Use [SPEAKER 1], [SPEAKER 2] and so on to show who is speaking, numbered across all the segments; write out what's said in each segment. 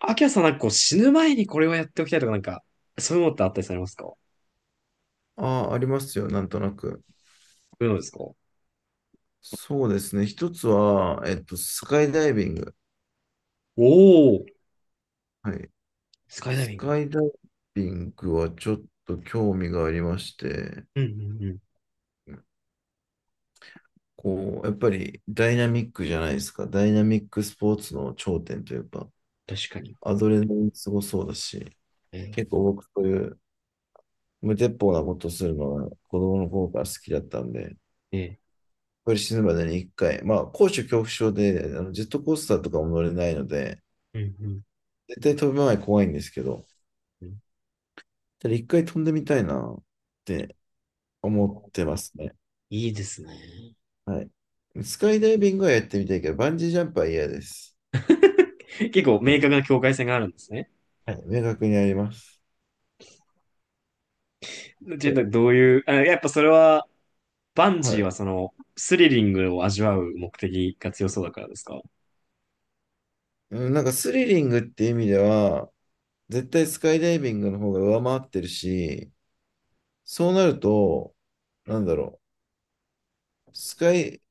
[SPEAKER 1] アキラさんこう死ぬ前にこれをやっておきたいとかそういうのってあったりされますか？そ
[SPEAKER 2] ああ、ありますよ、なんとなく。
[SPEAKER 1] ういうのですか？お、
[SPEAKER 2] そうですね。一つは、スカイダイビング。
[SPEAKER 1] お、
[SPEAKER 2] はい。
[SPEAKER 1] スカイダイ
[SPEAKER 2] ス
[SPEAKER 1] ビン
[SPEAKER 2] カ
[SPEAKER 1] グ。
[SPEAKER 2] イダイビングはちょっと興味がありまして、
[SPEAKER 1] うんうんうん。
[SPEAKER 2] こう、やっぱりダイナミックじゃないですか。ダイナミックスポーツの頂点というか、
[SPEAKER 1] 確かに。
[SPEAKER 2] アドレナリンすごそうだし、
[SPEAKER 1] え
[SPEAKER 2] 結構僕そういう無鉄砲なことするのが子供の頃から好きだったんで、
[SPEAKER 1] えええ、
[SPEAKER 2] これ死ぬまでに一回、まあ、高所恐怖症で、ジェットコースターとかも乗れないので、
[SPEAKER 1] うんうん
[SPEAKER 2] 絶対飛ぶ前怖いんですけど、
[SPEAKER 1] うん、
[SPEAKER 2] 一回飛んでみたいなって思ってますね。
[SPEAKER 1] いいですね。
[SPEAKER 2] はい。スカイダイビングはやってみたいけど、バンジージャンプは嫌です。
[SPEAKER 1] 結構
[SPEAKER 2] は
[SPEAKER 1] 明
[SPEAKER 2] い。
[SPEAKER 1] 確な境界線があるんですね。
[SPEAKER 2] はい、明確にあります。
[SPEAKER 1] ちょっと
[SPEAKER 2] そ
[SPEAKER 1] どういう、あ、やっぱそれは、バン
[SPEAKER 2] う、は
[SPEAKER 1] ジー
[SPEAKER 2] い。
[SPEAKER 1] はその、スリリングを味わう目的が強そうだからですか？
[SPEAKER 2] うんなんかスリリングっていう意味では、絶対スカイダイビングの方が上回ってるし、そうなると、なんだろスカイ、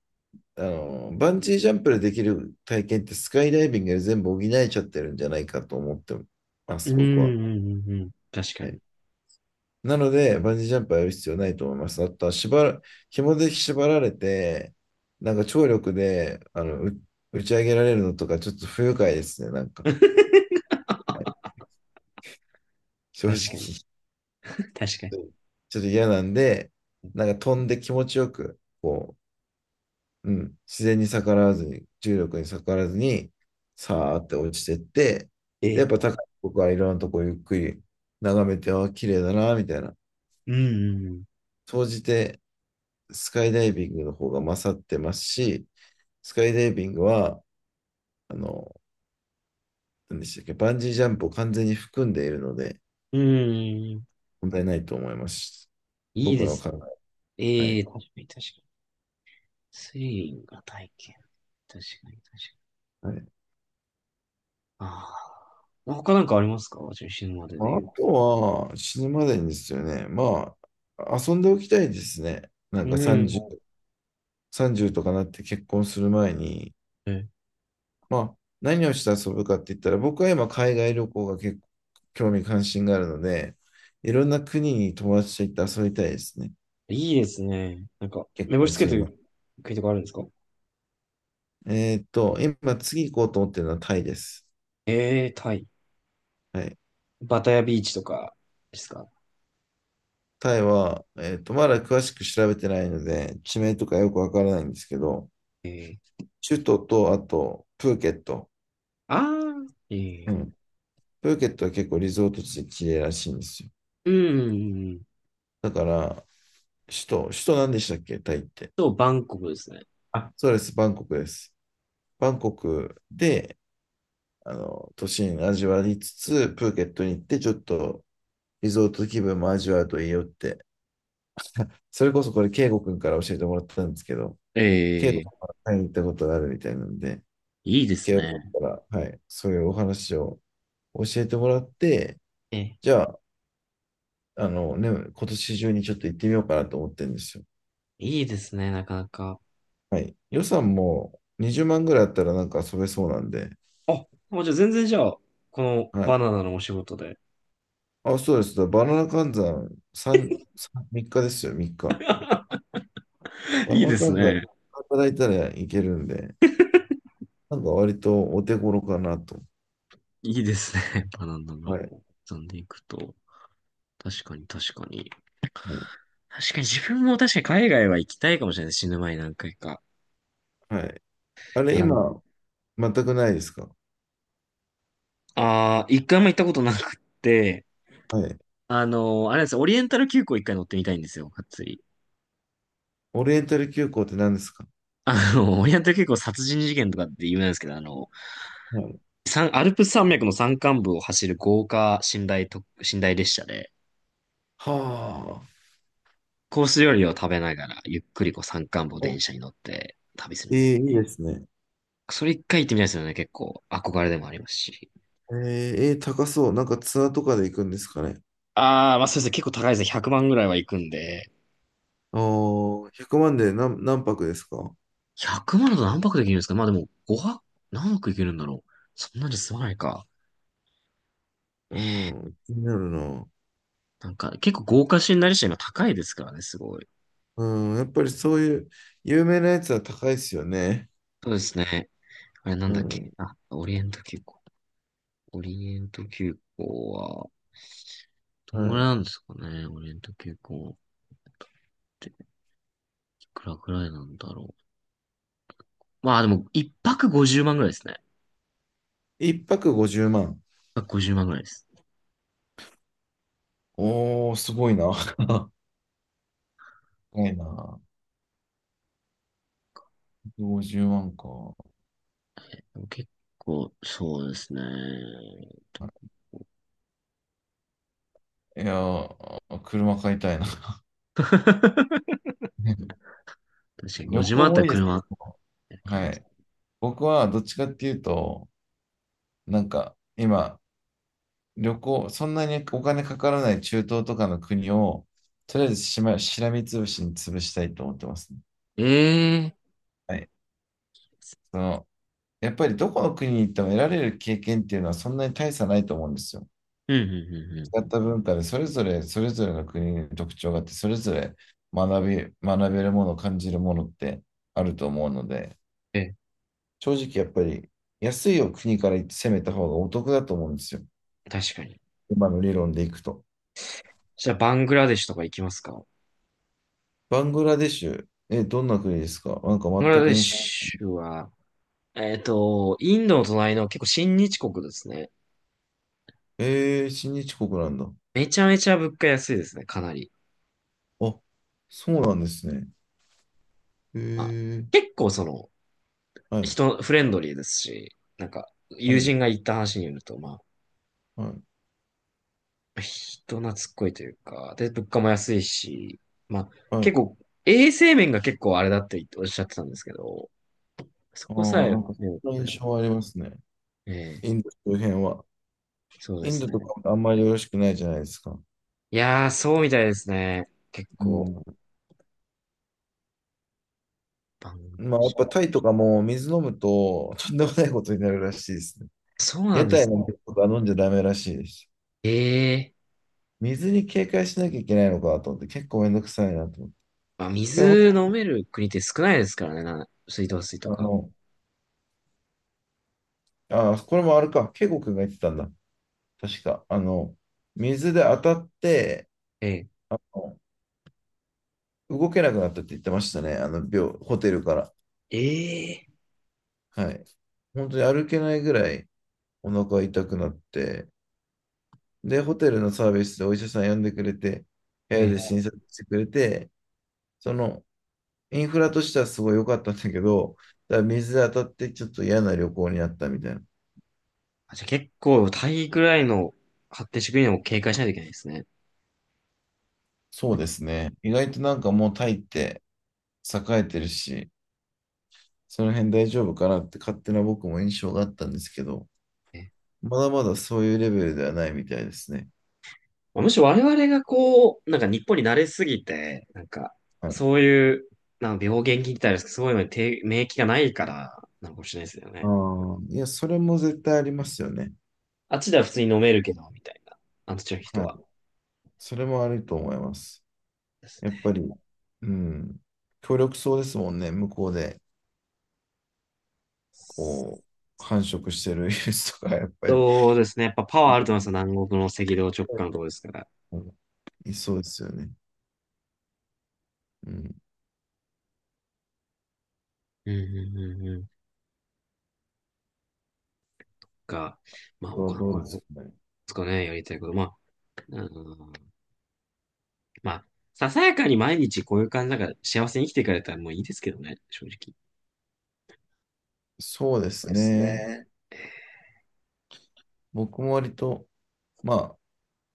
[SPEAKER 2] バンジージャンプでできる体験ってスカイダイビングで全部補えちゃってるんじゃないかと思ってま
[SPEAKER 1] う
[SPEAKER 2] す、
[SPEAKER 1] んう
[SPEAKER 2] 僕は。
[SPEAKER 1] んうんうん。確か
[SPEAKER 2] は
[SPEAKER 1] に。
[SPEAKER 2] い。なので、バンジージャンプはやる必要ないと思います。あとは、紐で縛られて、なんか張力で、打ち上げられるのとか、ちょっと不愉快ですね、なん か。
[SPEAKER 1] 確
[SPEAKER 2] 正
[SPEAKER 1] か
[SPEAKER 2] 直、
[SPEAKER 1] に。
[SPEAKER 2] ち
[SPEAKER 1] 確かに。
[SPEAKER 2] ょっと嫌なんで、なんか飛んで気持ちよく、自然に逆らわずに、重力に逆らわずに、さーって落ちてって、で、やっ
[SPEAKER 1] え
[SPEAKER 2] ぱ
[SPEAKER 1] え。
[SPEAKER 2] 高い僕はいろんなとこゆっくり眺めて、あー、綺麗だな、みたいな。総じて、スカイダイビングの方が勝ってますし、スカイダイビングは、あの、何でしたっけ、バンジージャンプを完全に含んでいるので、
[SPEAKER 1] うんうん。うんうんうん。
[SPEAKER 2] 問題ないと思います。
[SPEAKER 1] いい
[SPEAKER 2] 僕
[SPEAKER 1] で
[SPEAKER 2] の
[SPEAKER 1] す
[SPEAKER 2] 考
[SPEAKER 1] ね。
[SPEAKER 2] え。は
[SPEAKER 1] え
[SPEAKER 2] い。
[SPEAKER 1] え、確かに確かに。スリリングが体験。確かに確かに。
[SPEAKER 2] はい、
[SPEAKER 1] ああ。他なんかありますか？じゃあ死ぬまで
[SPEAKER 2] ま
[SPEAKER 1] で
[SPEAKER 2] あ
[SPEAKER 1] 言
[SPEAKER 2] あ
[SPEAKER 1] う。
[SPEAKER 2] とは、死ぬまでにですよね。まあ、遊んでおきたいですね。なんか30とかなって結婚する前に、
[SPEAKER 1] うん。
[SPEAKER 2] まあ、何をして遊ぶかって言ったら、僕は今、海外旅行が結構興味関心があるので、いろんな国に友達と行って遊びたいですね。
[SPEAKER 1] え、いいですね。
[SPEAKER 2] 結
[SPEAKER 1] 目
[SPEAKER 2] 婚
[SPEAKER 1] 星つけ
[SPEAKER 2] す
[SPEAKER 1] て
[SPEAKER 2] る前に
[SPEAKER 1] る国とかあるんですか？
[SPEAKER 2] 今次行こうと思ってるのはタイです。
[SPEAKER 1] ええ、タイ。
[SPEAKER 2] はい。
[SPEAKER 1] バタヤビーチとかですか？
[SPEAKER 2] タイは、まだ詳しく調べてないので、地名とかよくわからないんですけど、
[SPEAKER 1] ええ、
[SPEAKER 2] 首都と、あと、プーケット。
[SPEAKER 1] ああ、
[SPEAKER 2] う
[SPEAKER 1] え
[SPEAKER 2] ん。
[SPEAKER 1] え、
[SPEAKER 2] プーケットは結構リゾート地で綺麗らしいんですよ。
[SPEAKER 1] うん、うんうん。
[SPEAKER 2] だから、首都何でしたっけタイって。
[SPEAKER 1] そう、バンコクですね。
[SPEAKER 2] あ、そうです。バンコクです。バンコクで、都心味わいつつ、プーケットに行って、ちょっとリゾート気分も味わうといいよって。それこそこれ、圭吾君から教えてもらったんですけど、
[SPEAKER 1] ええ、
[SPEAKER 2] はい、行ったことがあるみたいなんで、
[SPEAKER 1] いいです
[SPEAKER 2] 慶応
[SPEAKER 1] ね。
[SPEAKER 2] から、はい、そういうお話を教えてもらって、
[SPEAKER 1] え、
[SPEAKER 2] じゃあ、今年中にちょっと行ってみようかなと思ってるんですよ。
[SPEAKER 1] いいですね、なかなか。
[SPEAKER 2] はい。予算も20万ぐらいあったらなんか遊べそうなんで、
[SPEAKER 1] あ、もうじゃあ全然じゃあ、この
[SPEAKER 2] は
[SPEAKER 1] バ
[SPEAKER 2] い。
[SPEAKER 1] ナナのお仕事で。
[SPEAKER 2] あ、そうです。だからバナナ換算3日ですよ、3日。バナ
[SPEAKER 1] いい
[SPEAKER 2] ナ
[SPEAKER 1] です
[SPEAKER 2] 換算
[SPEAKER 1] ね。
[SPEAKER 2] 働いたらいけるんで、なんか割とお手頃かなと。
[SPEAKER 1] いいですね。バナナが
[SPEAKER 2] はい。
[SPEAKER 1] 飛んでいくと。確かに確かに。
[SPEAKER 2] はい。
[SPEAKER 1] 確かに自分も確かに海外は行きたいかもしれない。死ぬ前に何回か。
[SPEAKER 2] はい、あれ、
[SPEAKER 1] あの、
[SPEAKER 2] 今、全くないですか？
[SPEAKER 1] あー一回も行ったことなくって、
[SPEAKER 2] はい。
[SPEAKER 1] あの、あれなんですよ、オリエンタル急行一回乗ってみたいんですよ、がっつり。
[SPEAKER 2] オリエンタル急行って何ですか？
[SPEAKER 1] あの、オリエンタル急行殺人事件とかって有名なんですけど、あの、
[SPEAKER 2] はい。
[SPEAKER 1] 三アルプス山脈の山間部を走る豪華寝台特、寝台列車で、
[SPEAKER 2] はあ。
[SPEAKER 1] コース料理を食べながら、ゆっくりこう山間部を
[SPEAKER 2] お、
[SPEAKER 1] 電車に乗って旅する
[SPEAKER 2] えー、
[SPEAKER 1] みたいな。
[SPEAKER 2] いいですね。
[SPEAKER 1] それ一回行ってみたいですよね。結構憧れでもありますし。
[SPEAKER 2] えー、えー高そう。なんかツアーとかで行くんですかね。
[SPEAKER 1] ああ、まあそうですね。結構高いですね。100万ぐらいは行くんで。
[SPEAKER 2] ああ、100万で何泊ですか？
[SPEAKER 1] 100万だと何泊できるんですか？まあでも5泊、何泊いけるんだろう。そんなに済まないか。
[SPEAKER 2] うん、気になるな。
[SPEAKER 1] なんか結構豪華シナリシア今高いですからね、すごい。
[SPEAKER 2] うん、やっぱりそういう有名なやつは高いですよね。
[SPEAKER 1] そうですね。あれなん
[SPEAKER 2] う
[SPEAKER 1] だっ
[SPEAKER 2] ん、
[SPEAKER 1] け、あ、オリエント急行。オリエント急行は、どんぐらい
[SPEAKER 2] は
[SPEAKER 1] なんですかね、オリエント急行って、いくらぐらいなんだろう。まあでも、一泊50万ぐらいですね。
[SPEAKER 2] い。1泊50万。
[SPEAKER 1] 一泊50万ぐらいです。
[SPEAKER 2] おー、すごいな。高いな。50万か。
[SPEAKER 1] でも結構、そうですね。
[SPEAKER 2] いやー、車買いたいな。
[SPEAKER 1] 確かに5
[SPEAKER 2] 旅
[SPEAKER 1] 時万
[SPEAKER 2] 行
[SPEAKER 1] あった
[SPEAKER 2] も
[SPEAKER 1] ら
[SPEAKER 2] いいですけ
[SPEAKER 1] 車
[SPEAKER 2] ど。
[SPEAKER 1] 買い
[SPEAKER 2] は
[SPEAKER 1] ます。
[SPEAKER 2] い。僕はどっちかっていうと、なんか今、旅行、そんなにお金かからない中東とかの国を、とりあえずしらみつぶしに潰したいと思ってますね。
[SPEAKER 1] ええ、
[SPEAKER 2] はい。その、やっぱりどこの国に行っても得られる経験っていうのはそんなに大差ないと思うんですよ。
[SPEAKER 1] うん、うん、うん、う
[SPEAKER 2] 違った文化でそれぞれの国に特徴があって、それぞれ学べるもの、感じるものってあると思うので、
[SPEAKER 1] ん。え、
[SPEAKER 2] 正直やっぱり安いを国から攻めた方がお得だと思うんですよ。
[SPEAKER 1] 確かに。
[SPEAKER 2] 今の理論でいくと。
[SPEAKER 1] じゃあ、バングラデシュとか行きますか？バ
[SPEAKER 2] バングラデシュ、え、どんな国ですか？なんか
[SPEAKER 1] ングラ
[SPEAKER 2] 全く
[SPEAKER 1] デ
[SPEAKER 2] 印象。
[SPEAKER 1] シュは、えっと、インドの隣の結構親日国ですね。
[SPEAKER 2] えー、親日国なんだ。
[SPEAKER 1] めちゃめちゃ物価安いですね、かなり。
[SPEAKER 2] あ、そうなんですね。え
[SPEAKER 1] まあ、
[SPEAKER 2] ー、
[SPEAKER 1] 結構その、
[SPEAKER 2] はい、
[SPEAKER 1] 人、フレンドリーですし、
[SPEAKER 2] は
[SPEAKER 1] 友
[SPEAKER 2] い、
[SPEAKER 1] 人が言った話によると、まあ、
[SPEAKER 2] はい、
[SPEAKER 1] 人懐っこいというか、で、物価も安いし、まあ、
[SPEAKER 2] はい。
[SPEAKER 1] 結構、衛生面が結構あれだっておっしゃってたんですけど、そ
[SPEAKER 2] あ
[SPEAKER 1] こさ
[SPEAKER 2] あ、
[SPEAKER 1] え、
[SPEAKER 2] な
[SPEAKER 1] ね、
[SPEAKER 2] んか、そんな印象はありますね。
[SPEAKER 1] ええ、
[SPEAKER 2] インド周辺は。
[SPEAKER 1] そうで
[SPEAKER 2] イン
[SPEAKER 1] す
[SPEAKER 2] ドと
[SPEAKER 1] ね。
[SPEAKER 2] かもあんまりよろしくないじゃないですか。
[SPEAKER 1] いやー、そうみたいですね。結
[SPEAKER 2] う
[SPEAKER 1] 構、
[SPEAKER 2] ん。
[SPEAKER 1] バングラデ
[SPEAKER 2] まあ、や
[SPEAKER 1] シ
[SPEAKER 2] っぱ
[SPEAKER 1] ュ、
[SPEAKER 2] タイとかも水飲むと、とんでもないことになるらしいですね。
[SPEAKER 1] そうな
[SPEAKER 2] 屋
[SPEAKER 1] んで
[SPEAKER 2] 台
[SPEAKER 1] す
[SPEAKER 2] の
[SPEAKER 1] ね。
[SPEAKER 2] 水とか飲んじゃダメらしいです。
[SPEAKER 1] ええ、
[SPEAKER 2] 水に警戒しなきゃいけないのかと思って、結構めんどくさいなと思って。
[SPEAKER 1] まあ、
[SPEAKER 2] でも、
[SPEAKER 1] 水飲める国って少ないですからね、な、水道水
[SPEAKER 2] あ
[SPEAKER 1] とか。
[SPEAKER 2] の、ああ、これもあるか。ケイゴくんが言ってたんだ。確か。水で当たって、
[SPEAKER 1] ええ、
[SPEAKER 2] あの、動けなくなったって言ってましたね。ホテルから。
[SPEAKER 1] ええ、
[SPEAKER 2] はい。本当に歩けないぐらいお腹痛くなって、で、ホテルのサービスでお医者さん呼んでくれて、部
[SPEAKER 1] え
[SPEAKER 2] 屋で
[SPEAKER 1] え。
[SPEAKER 2] 診察してくれて、その、インフラとしてはすごい良かったんだけど、ただ水で当たってちょっと嫌な旅行になったみたいな。
[SPEAKER 1] あ、じゃあ結構、タイぐらいの発展してくるのを警戒しないといけないですね。
[SPEAKER 2] そうですね。意外となんかもうタイって栄えてるし、その辺大丈夫かなって勝手な僕も印象があったんですけど、
[SPEAKER 1] ええ、
[SPEAKER 2] まだまだそういうレベルではないみたいですね。
[SPEAKER 1] まあむしろ我々がこう、なんか日本に慣れすぎて、なんか、
[SPEAKER 2] はい。
[SPEAKER 1] そういう、なんか病原菌って言ったらあれですけど、そういうのに抵免疫がないから、なのかもしれないですよ
[SPEAKER 2] あ
[SPEAKER 1] ね。
[SPEAKER 2] あ、いや、それも絶対ありますよね。
[SPEAKER 1] あっちでは普通に飲めるけど、みたいな。あっちの人
[SPEAKER 2] はい。
[SPEAKER 1] は。
[SPEAKER 2] それもあると思います。
[SPEAKER 1] です
[SPEAKER 2] やっぱ
[SPEAKER 1] ね。
[SPEAKER 2] り、うん。協力そうですもんね。向こうで、こ繁殖してるウイルスとか、やっぱり。
[SPEAKER 1] そうですね。やっぱパワーあると思います
[SPEAKER 2] う
[SPEAKER 1] よ。南国の赤道直下のところですから。
[SPEAKER 2] んいそうですよね。うん。
[SPEAKER 1] うん、うん、うん、うん。か、まあ、
[SPEAKER 2] これは
[SPEAKER 1] 他の
[SPEAKER 2] どう
[SPEAKER 1] か
[SPEAKER 2] です
[SPEAKER 1] で
[SPEAKER 2] かね。
[SPEAKER 1] すかね、やりたいこと。まあ、うん、まあ、ささやかに毎日こういう感じだから幸せに生きていかれたらもういいですけどね、正直。
[SPEAKER 2] そうで
[SPEAKER 1] そう
[SPEAKER 2] す
[SPEAKER 1] です
[SPEAKER 2] ね。
[SPEAKER 1] ね。
[SPEAKER 2] 僕も割と、まあ、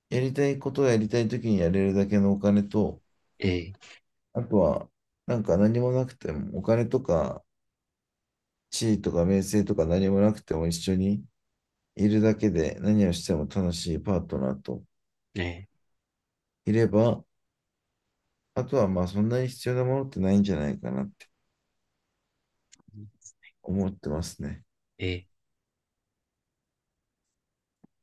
[SPEAKER 2] やりたいことをやりたいときにやれるだけのお金と、
[SPEAKER 1] ええ、
[SPEAKER 2] あとは、なんか何もなくても、お金とか地位とか名声とか何もなくても一緒にいるだけで何をしても楽しいパートナーと
[SPEAKER 1] ええ、
[SPEAKER 2] いれば、あとはまあそんなに必要なものってないんじゃないかなって思ってますね。
[SPEAKER 1] ええ。